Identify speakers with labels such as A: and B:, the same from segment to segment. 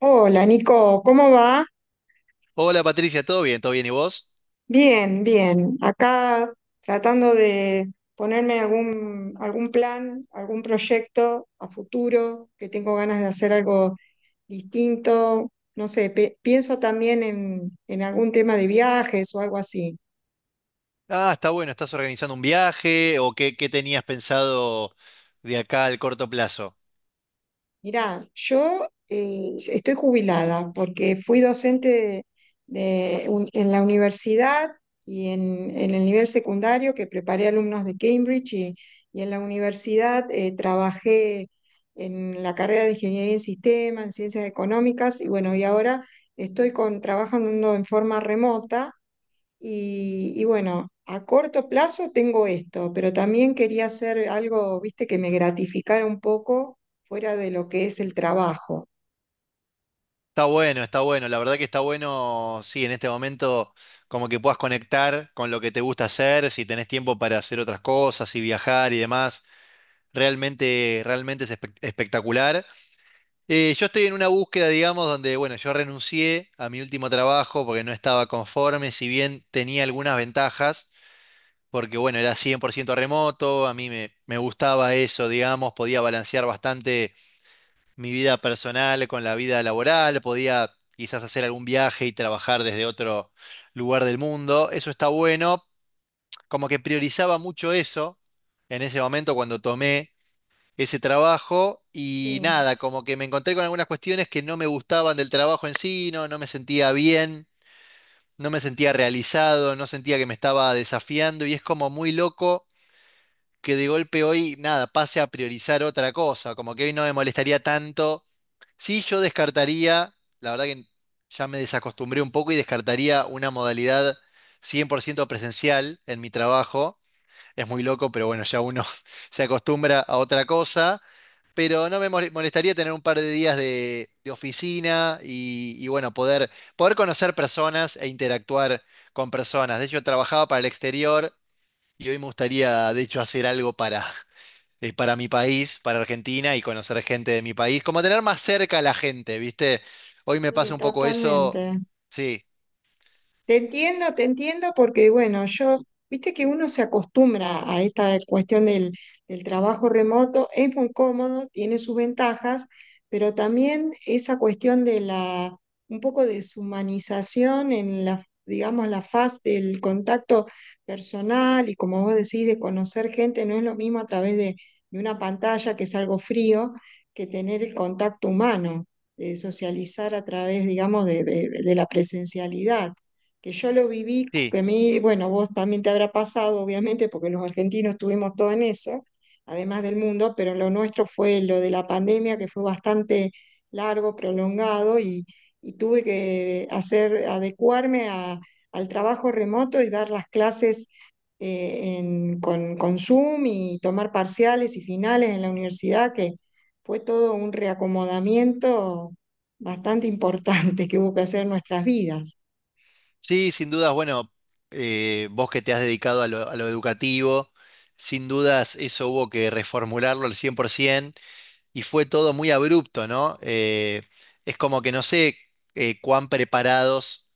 A: Hola Nico, ¿cómo va?
B: Hola Patricia, ¿todo bien? ¿Todo bien? ¿Y vos?
A: Bien, bien. Acá tratando de ponerme algún plan, algún proyecto a futuro, que tengo ganas de hacer algo distinto. No sé, pienso también en algún tema de viajes o algo así.
B: Ah, está bueno, ¿estás organizando un viaje o qué, qué tenías pensado de acá al corto plazo?
A: Mirá, yo estoy jubilada porque fui docente de en la universidad y en el nivel secundario que preparé alumnos de Cambridge y en la universidad trabajé en la carrera de Ingeniería en Sistemas, en Ciencias Económicas y bueno, y ahora estoy con, trabajando en forma remota y bueno, a corto plazo tengo esto, pero también quería hacer algo, viste, que me gratificara un poco fuera de lo que es el trabajo.
B: Está bueno, la verdad que está bueno, sí, en este momento como que puedas conectar con lo que te gusta hacer, si tenés tiempo para hacer otras cosas y viajar y demás, realmente es espectacular. Yo estoy en una búsqueda, digamos, donde, bueno, yo renuncié a mi último trabajo porque no estaba conforme, si bien tenía algunas ventajas. Porque bueno, era 100% remoto, a mí me gustaba eso, digamos, podía balancear bastante mi vida personal con la vida laboral, podía quizás hacer algún viaje y trabajar desde otro lugar del mundo, eso está bueno, como que priorizaba mucho eso en ese momento cuando tomé ese trabajo y
A: Sí,
B: nada, como que me encontré con algunas cuestiones que no me gustaban del trabajo en sí, no, no me sentía bien. No me sentía realizado, no sentía que me estaba desafiando y es como muy loco que de golpe hoy, nada, pase a priorizar otra cosa, como que hoy no me molestaría tanto. Sí, yo descartaría, la verdad que ya me desacostumbré un poco y descartaría una modalidad 100% presencial en mi trabajo. Es muy loco, pero bueno, ya uno se acostumbra a otra cosa. Pero no me molestaría tener un par de días de oficina y bueno, poder, poder conocer personas e interactuar con personas. De hecho, trabajaba para el exterior y hoy me gustaría, de hecho, hacer algo para mi país, para Argentina y conocer gente de mi país, como tener más cerca a la gente, ¿viste? Hoy me pasa
A: sí,
B: un poco eso,
A: totalmente.
B: sí,
A: Te entiendo, porque bueno, yo, viste que uno se acostumbra a esta cuestión del trabajo remoto, es muy cómodo, tiene sus ventajas, pero también esa cuestión de la, un poco deshumanización en la, digamos, la faz del contacto personal y como vos decís, de conocer gente, no es lo mismo a través de una pantalla, que es algo frío, que tener el contacto humano, de socializar a través, digamos, de de la presencialidad que yo lo viví,
B: sí,
A: que a mí, bueno, vos también te habrá pasado, obviamente, porque los argentinos estuvimos todo en eso, además del mundo, pero lo nuestro fue lo de la pandemia, que fue bastante largo, prolongado, y tuve que hacer, adecuarme al trabajo remoto y dar las clases con Zoom y tomar parciales y finales en la universidad, que fue todo un reacomodamiento bastante importante que hubo que hacer en nuestras vidas.
B: sí, sin dudas, bueno, vos que te has dedicado a lo educativo, sin dudas eso hubo que reformularlo al 100%. Y fue todo muy abrupto, ¿no? Es como que no sé cuán preparados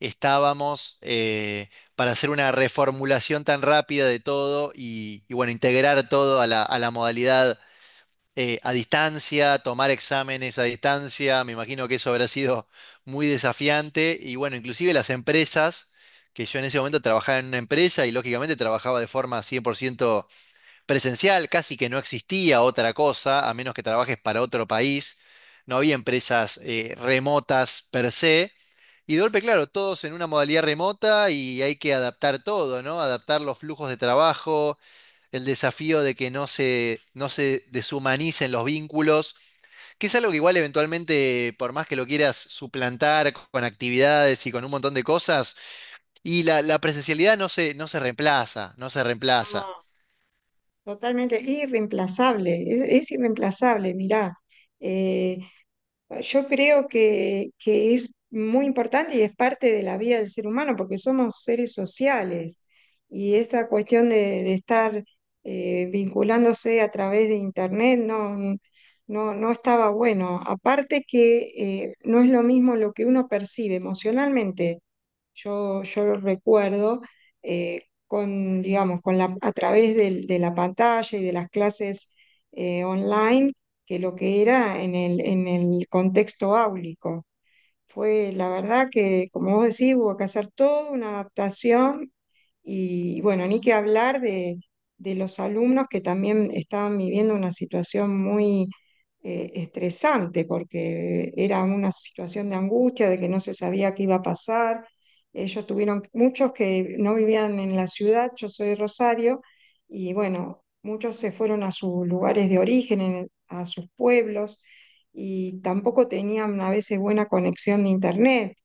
B: estábamos para hacer una reformulación tan rápida de todo y bueno, integrar todo a la modalidad a distancia, tomar exámenes a distancia, me imagino que eso habrá sido muy desafiante y bueno, inclusive las empresas, que yo en ese momento trabajaba en una empresa y lógicamente trabajaba de forma 100% presencial, casi que no existía otra cosa, a menos que trabajes para otro país. No había empresas remotas per se. Y de golpe, claro, todos en una modalidad remota y hay que adaptar todo, ¿no? Adaptar los flujos de trabajo, el desafío de que no no se deshumanicen los vínculos, que es algo que igual eventualmente, por más que lo quieras suplantar con actividades y con un montón de cosas, y la presencialidad no no se reemplaza, no se reemplaza.
A: Totalmente irreemplazable, es irreemplazable, mirá. Eh, yo creo que es muy importante y es parte de la vida del ser humano porque somos seres sociales y esta cuestión de estar vinculándose a través de internet no, no, no estaba bueno. Aparte que no es lo mismo lo que uno percibe emocionalmente yo, yo lo recuerdo, eh, con, digamos, con la, a través de, la pantalla y de las clases online, que lo que era en el contexto áulico. Fue la verdad que, como vos decís, hubo que hacer toda una adaptación y bueno, ni que hablar de los alumnos que también estaban viviendo una situación muy estresante porque era una situación de angustia, de que no se sabía qué iba a pasar. Ellos tuvieron, muchos que no vivían en la ciudad, yo soy de Rosario, y bueno, muchos se fueron a sus lugares de origen, a sus pueblos y tampoco tenían a veces buena conexión de internet.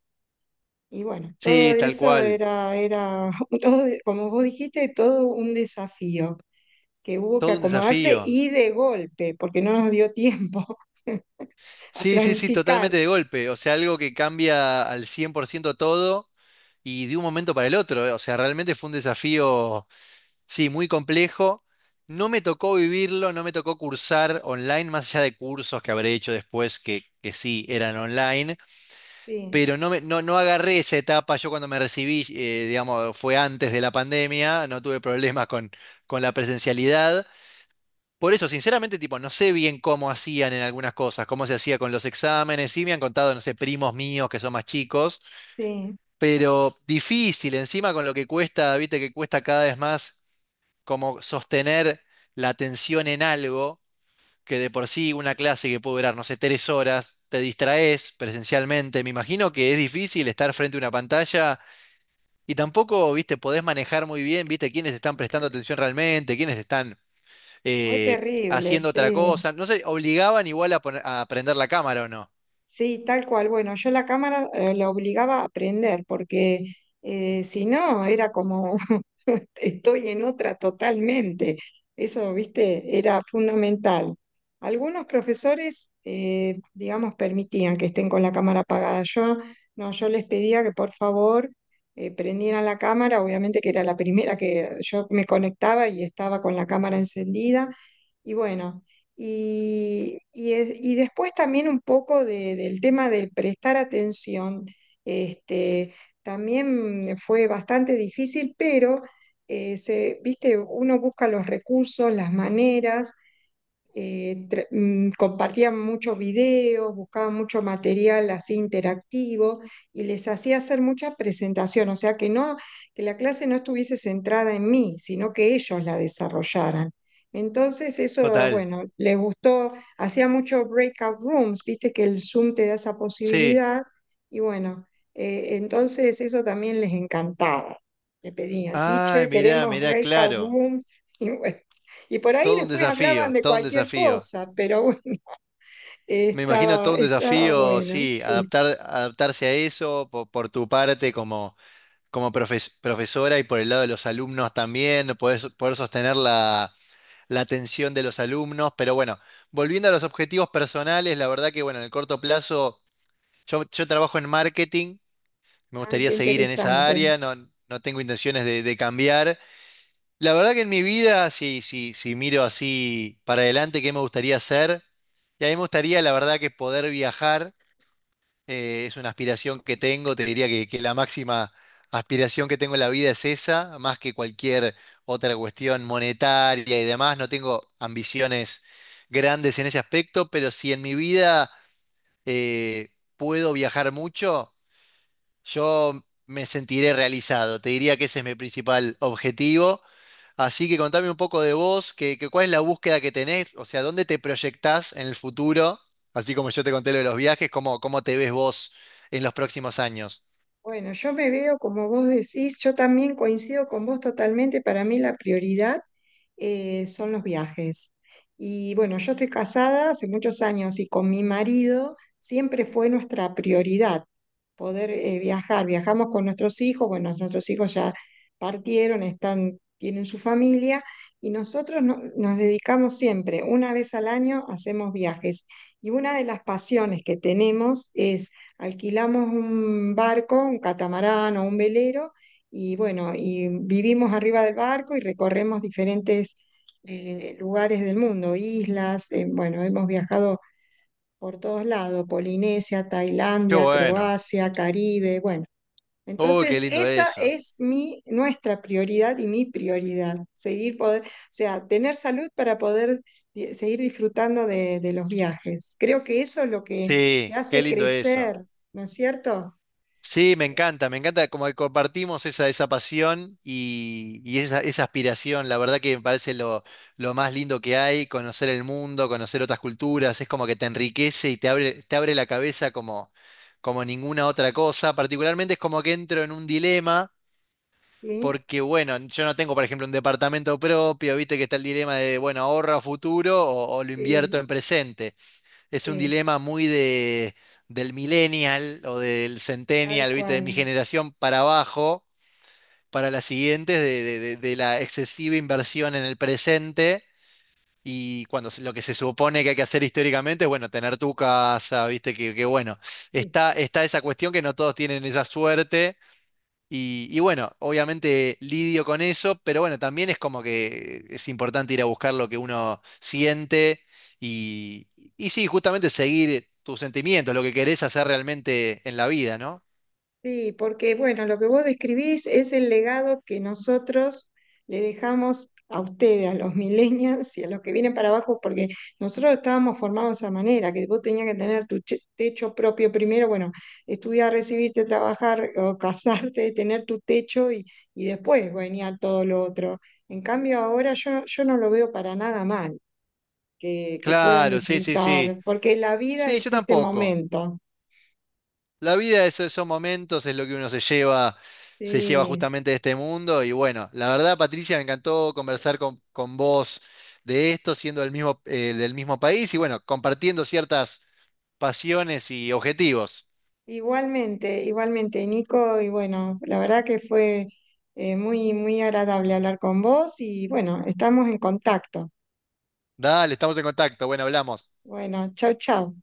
A: Y bueno, todo
B: Sí, tal
A: eso
B: cual.
A: era, era todo, como vos dijiste, todo un desafío que hubo que
B: Todo un
A: acomodarse
B: desafío.
A: y de golpe, porque no nos dio tiempo a
B: Sí, sí, sí, totalmente
A: planificar.
B: de golpe. O sea, algo que cambia al 100% todo y de un momento para el otro. O sea, realmente fue un desafío, sí, muy complejo. No me tocó vivirlo, no me tocó cursar online, más allá de cursos que habré hecho después que sí eran online,
A: Sí,
B: pero no, no, no agarré esa etapa. Yo cuando me recibí, digamos, fue antes de la pandemia, no tuve problemas con la presencialidad. Por eso, sinceramente, tipo, no sé bien cómo hacían en algunas cosas, cómo se hacía con los exámenes. Sí me han contado, no sé, primos míos que son más chicos,
A: sí,
B: pero difícil, encima con lo que cuesta, viste que cuesta cada vez más como sostener la atención en algo, que de por sí una clase que puede durar, no sé, tres horas, te distraes presencialmente. Me imagino que es difícil estar frente a una pantalla y tampoco, viste, podés manejar muy bien, viste, quiénes están prestando atención realmente, quiénes están
A: fue terrible,
B: haciendo otra
A: sí.
B: cosa. No sé, obligaban igual a, a prender la cámara o no.
A: Sí, tal cual. Bueno, yo la cámara la obligaba a aprender porque si no era como estoy en otra totalmente. Eso, viste, era fundamental. Algunos profesores, digamos, permitían que estén con la cámara apagada. Yo no, yo les pedía que por favor prendieran la cámara. Obviamente que era la primera que yo me conectaba y estaba con la cámara encendida. Y bueno. Y y después también un poco del tema del prestar atención. Este, también fue bastante difícil, pero se, viste, uno busca los recursos, las maneras, compartían muchos videos, buscaban mucho material así interactivo y les hacía hacer mucha presentación, o sea que no, que la clase no estuviese centrada en mí, sino que ellos la desarrollaran. Entonces eso,
B: Total.
A: bueno, les gustó, hacía mucho breakout rooms, viste que el Zoom te da esa
B: Sí.
A: posibilidad y bueno, entonces eso también les encantaba. Le pedían,
B: Ay,
A: teacher, queremos
B: mirá,
A: breakout
B: claro.
A: rooms y bueno. Y por ahí
B: Todo un
A: después hablaban
B: desafío,
A: de
B: todo un
A: cualquier
B: desafío.
A: cosa, pero bueno,
B: Me imagino
A: estaba,
B: todo un
A: estaba
B: desafío,
A: bueno,
B: sí,
A: sí.
B: adaptar, adaptarse a eso por, tu parte como, como profesora y por el lado de los alumnos también, poder, poder sostener la, la atención de los alumnos. Pero bueno, volviendo a los objetivos personales, la verdad que bueno, en el corto plazo, yo trabajo en marketing. Me
A: Ah,
B: gustaría
A: qué
B: seguir en esa
A: interesante.
B: área, no, no tengo intenciones de cambiar. La verdad que en mi vida, si, si, si miro así para adelante, ¿qué me gustaría hacer? Y a mí me gustaría, la verdad, que poder viajar. Eh, es una aspiración que tengo. Te diría que la máxima aspiración que tengo en la vida es esa, más que cualquier otra cuestión monetaria y demás. No tengo ambiciones grandes en ese aspecto, pero si en mi vida eh, puedo viajar mucho. Yo me sentiré realizado, te diría que ese es mi principal objetivo. Así que contame un poco de vos, que cuál es la búsqueda que tenés, o sea, dónde te proyectás en el futuro, así como yo te conté lo de los viajes, cómo, cómo te ves vos en los próximos años.
A: Bueno, yo me veo como vos decís, yo también coincido con vos totalmente, para mí la prioridad son los viajes. Y bueno, yo estoy casada hace muchos años y con mi marido siempre fue nuestra prioridad poder viajar. Viajamos con nuestros hijos, bueno, nuestros hijos ya partieron, están, tienen su familia y nosotros nos dedicamos siempre, una vez al año hacemos viajes. Y una de las pasiones que tenemos alquilamos un barco, un catamarán o un velero, y bueno, y vivimos arriba del barco y recorremos diferentes lugares del mundo, islas, bueno, hemos viajado por todos lados, Polinesia,
B: Qué
A: Tailandia,
B: bueno.
A: Croacia, Caribe, bueno,
B: Uy, qué
A: entonces,
B: lindo
A: esa
B: eso.
A: es mi, nuestra prioridad y mi prioridad, seguir poder, o sea, tener salud para poder seguir disfrutando de los viajes. Creo que eso es lo que
B: Sí,
A: te
B: qué
A: hace
B: lindo eso.
A: crecer, ¿no es cierto?
B: Sí, me encanta como que compartimos esa, esa pasión y esa aspiración. La verdad que me parece lo más lindo que hay, conocer el mundo, conocer otras culturas, es como que te enriquece y te abre la cabeza como, como ninguna otra cosa. Particularmente es como que entro en un dilema,
A: Sí,
B: porque bueno, yo no tengo, por ejemplo, un departamento propio, viste que está el dilema de, bueno, ahorro a futuro o lo invierto
A: sí,
B: en presente. Es un
A: sí,
B: dilema muy de, del millennial o del
A: tal
B: centennial, ¿viste? De mi
A: cual.
B: generación para abajo, para las siguientes, de la excesiva inversión en el presente y lo que se supone que hay que hacer históricamente es, bueno, tener tu casa, ¿viste? Que bueno, está, está esa cuestión que no todos tienen esa suerte y bueno, obviamente lidio con eso, pero bueno, también es como que es importante ir a buscar lo que uno siente y, y sí, justamente seguir tus sentimientos, lo que querés hacer realmente en la vida, ¿no?
A: Sí, porque bueno, lo que vos describís es el legado que nosotros le dejamos a ustedes, a los millennials y a los que vienen para abajo, porque nosotros estábamos formados de esa manera, que vos tenías que tener tu techo propio primero, bueno, estudiar, recibirte, trabajar o casarte, tener tu techo y después venía todo lo otro. En cambio, ahora yo, yo no lo veo para nada mal, que puedan
B: Claro, sí, sí, sí.
A: disfrutar, porque la vida
B: Sí, yo
A: es este
B: tampoco.
A: momento.
B: La vida es esos momentos, es lo que uno se lleva
A: Sí.
B: justamente de este mundo. Y bueno, la verdad, Patricia, me encantó conversar con vos de esto, siendo del mismo país y bueno, compartiendo ciertas pasiones y objetivos.
A: Igualmente, igualmente, Nico, y bueno, la verdad que fue muy, muy agradable hablar con vos y bueno, estamos en contacto.
B: Dale, estamos en contacto. Bueno, hablamos.
A: Bueno, chau, chau.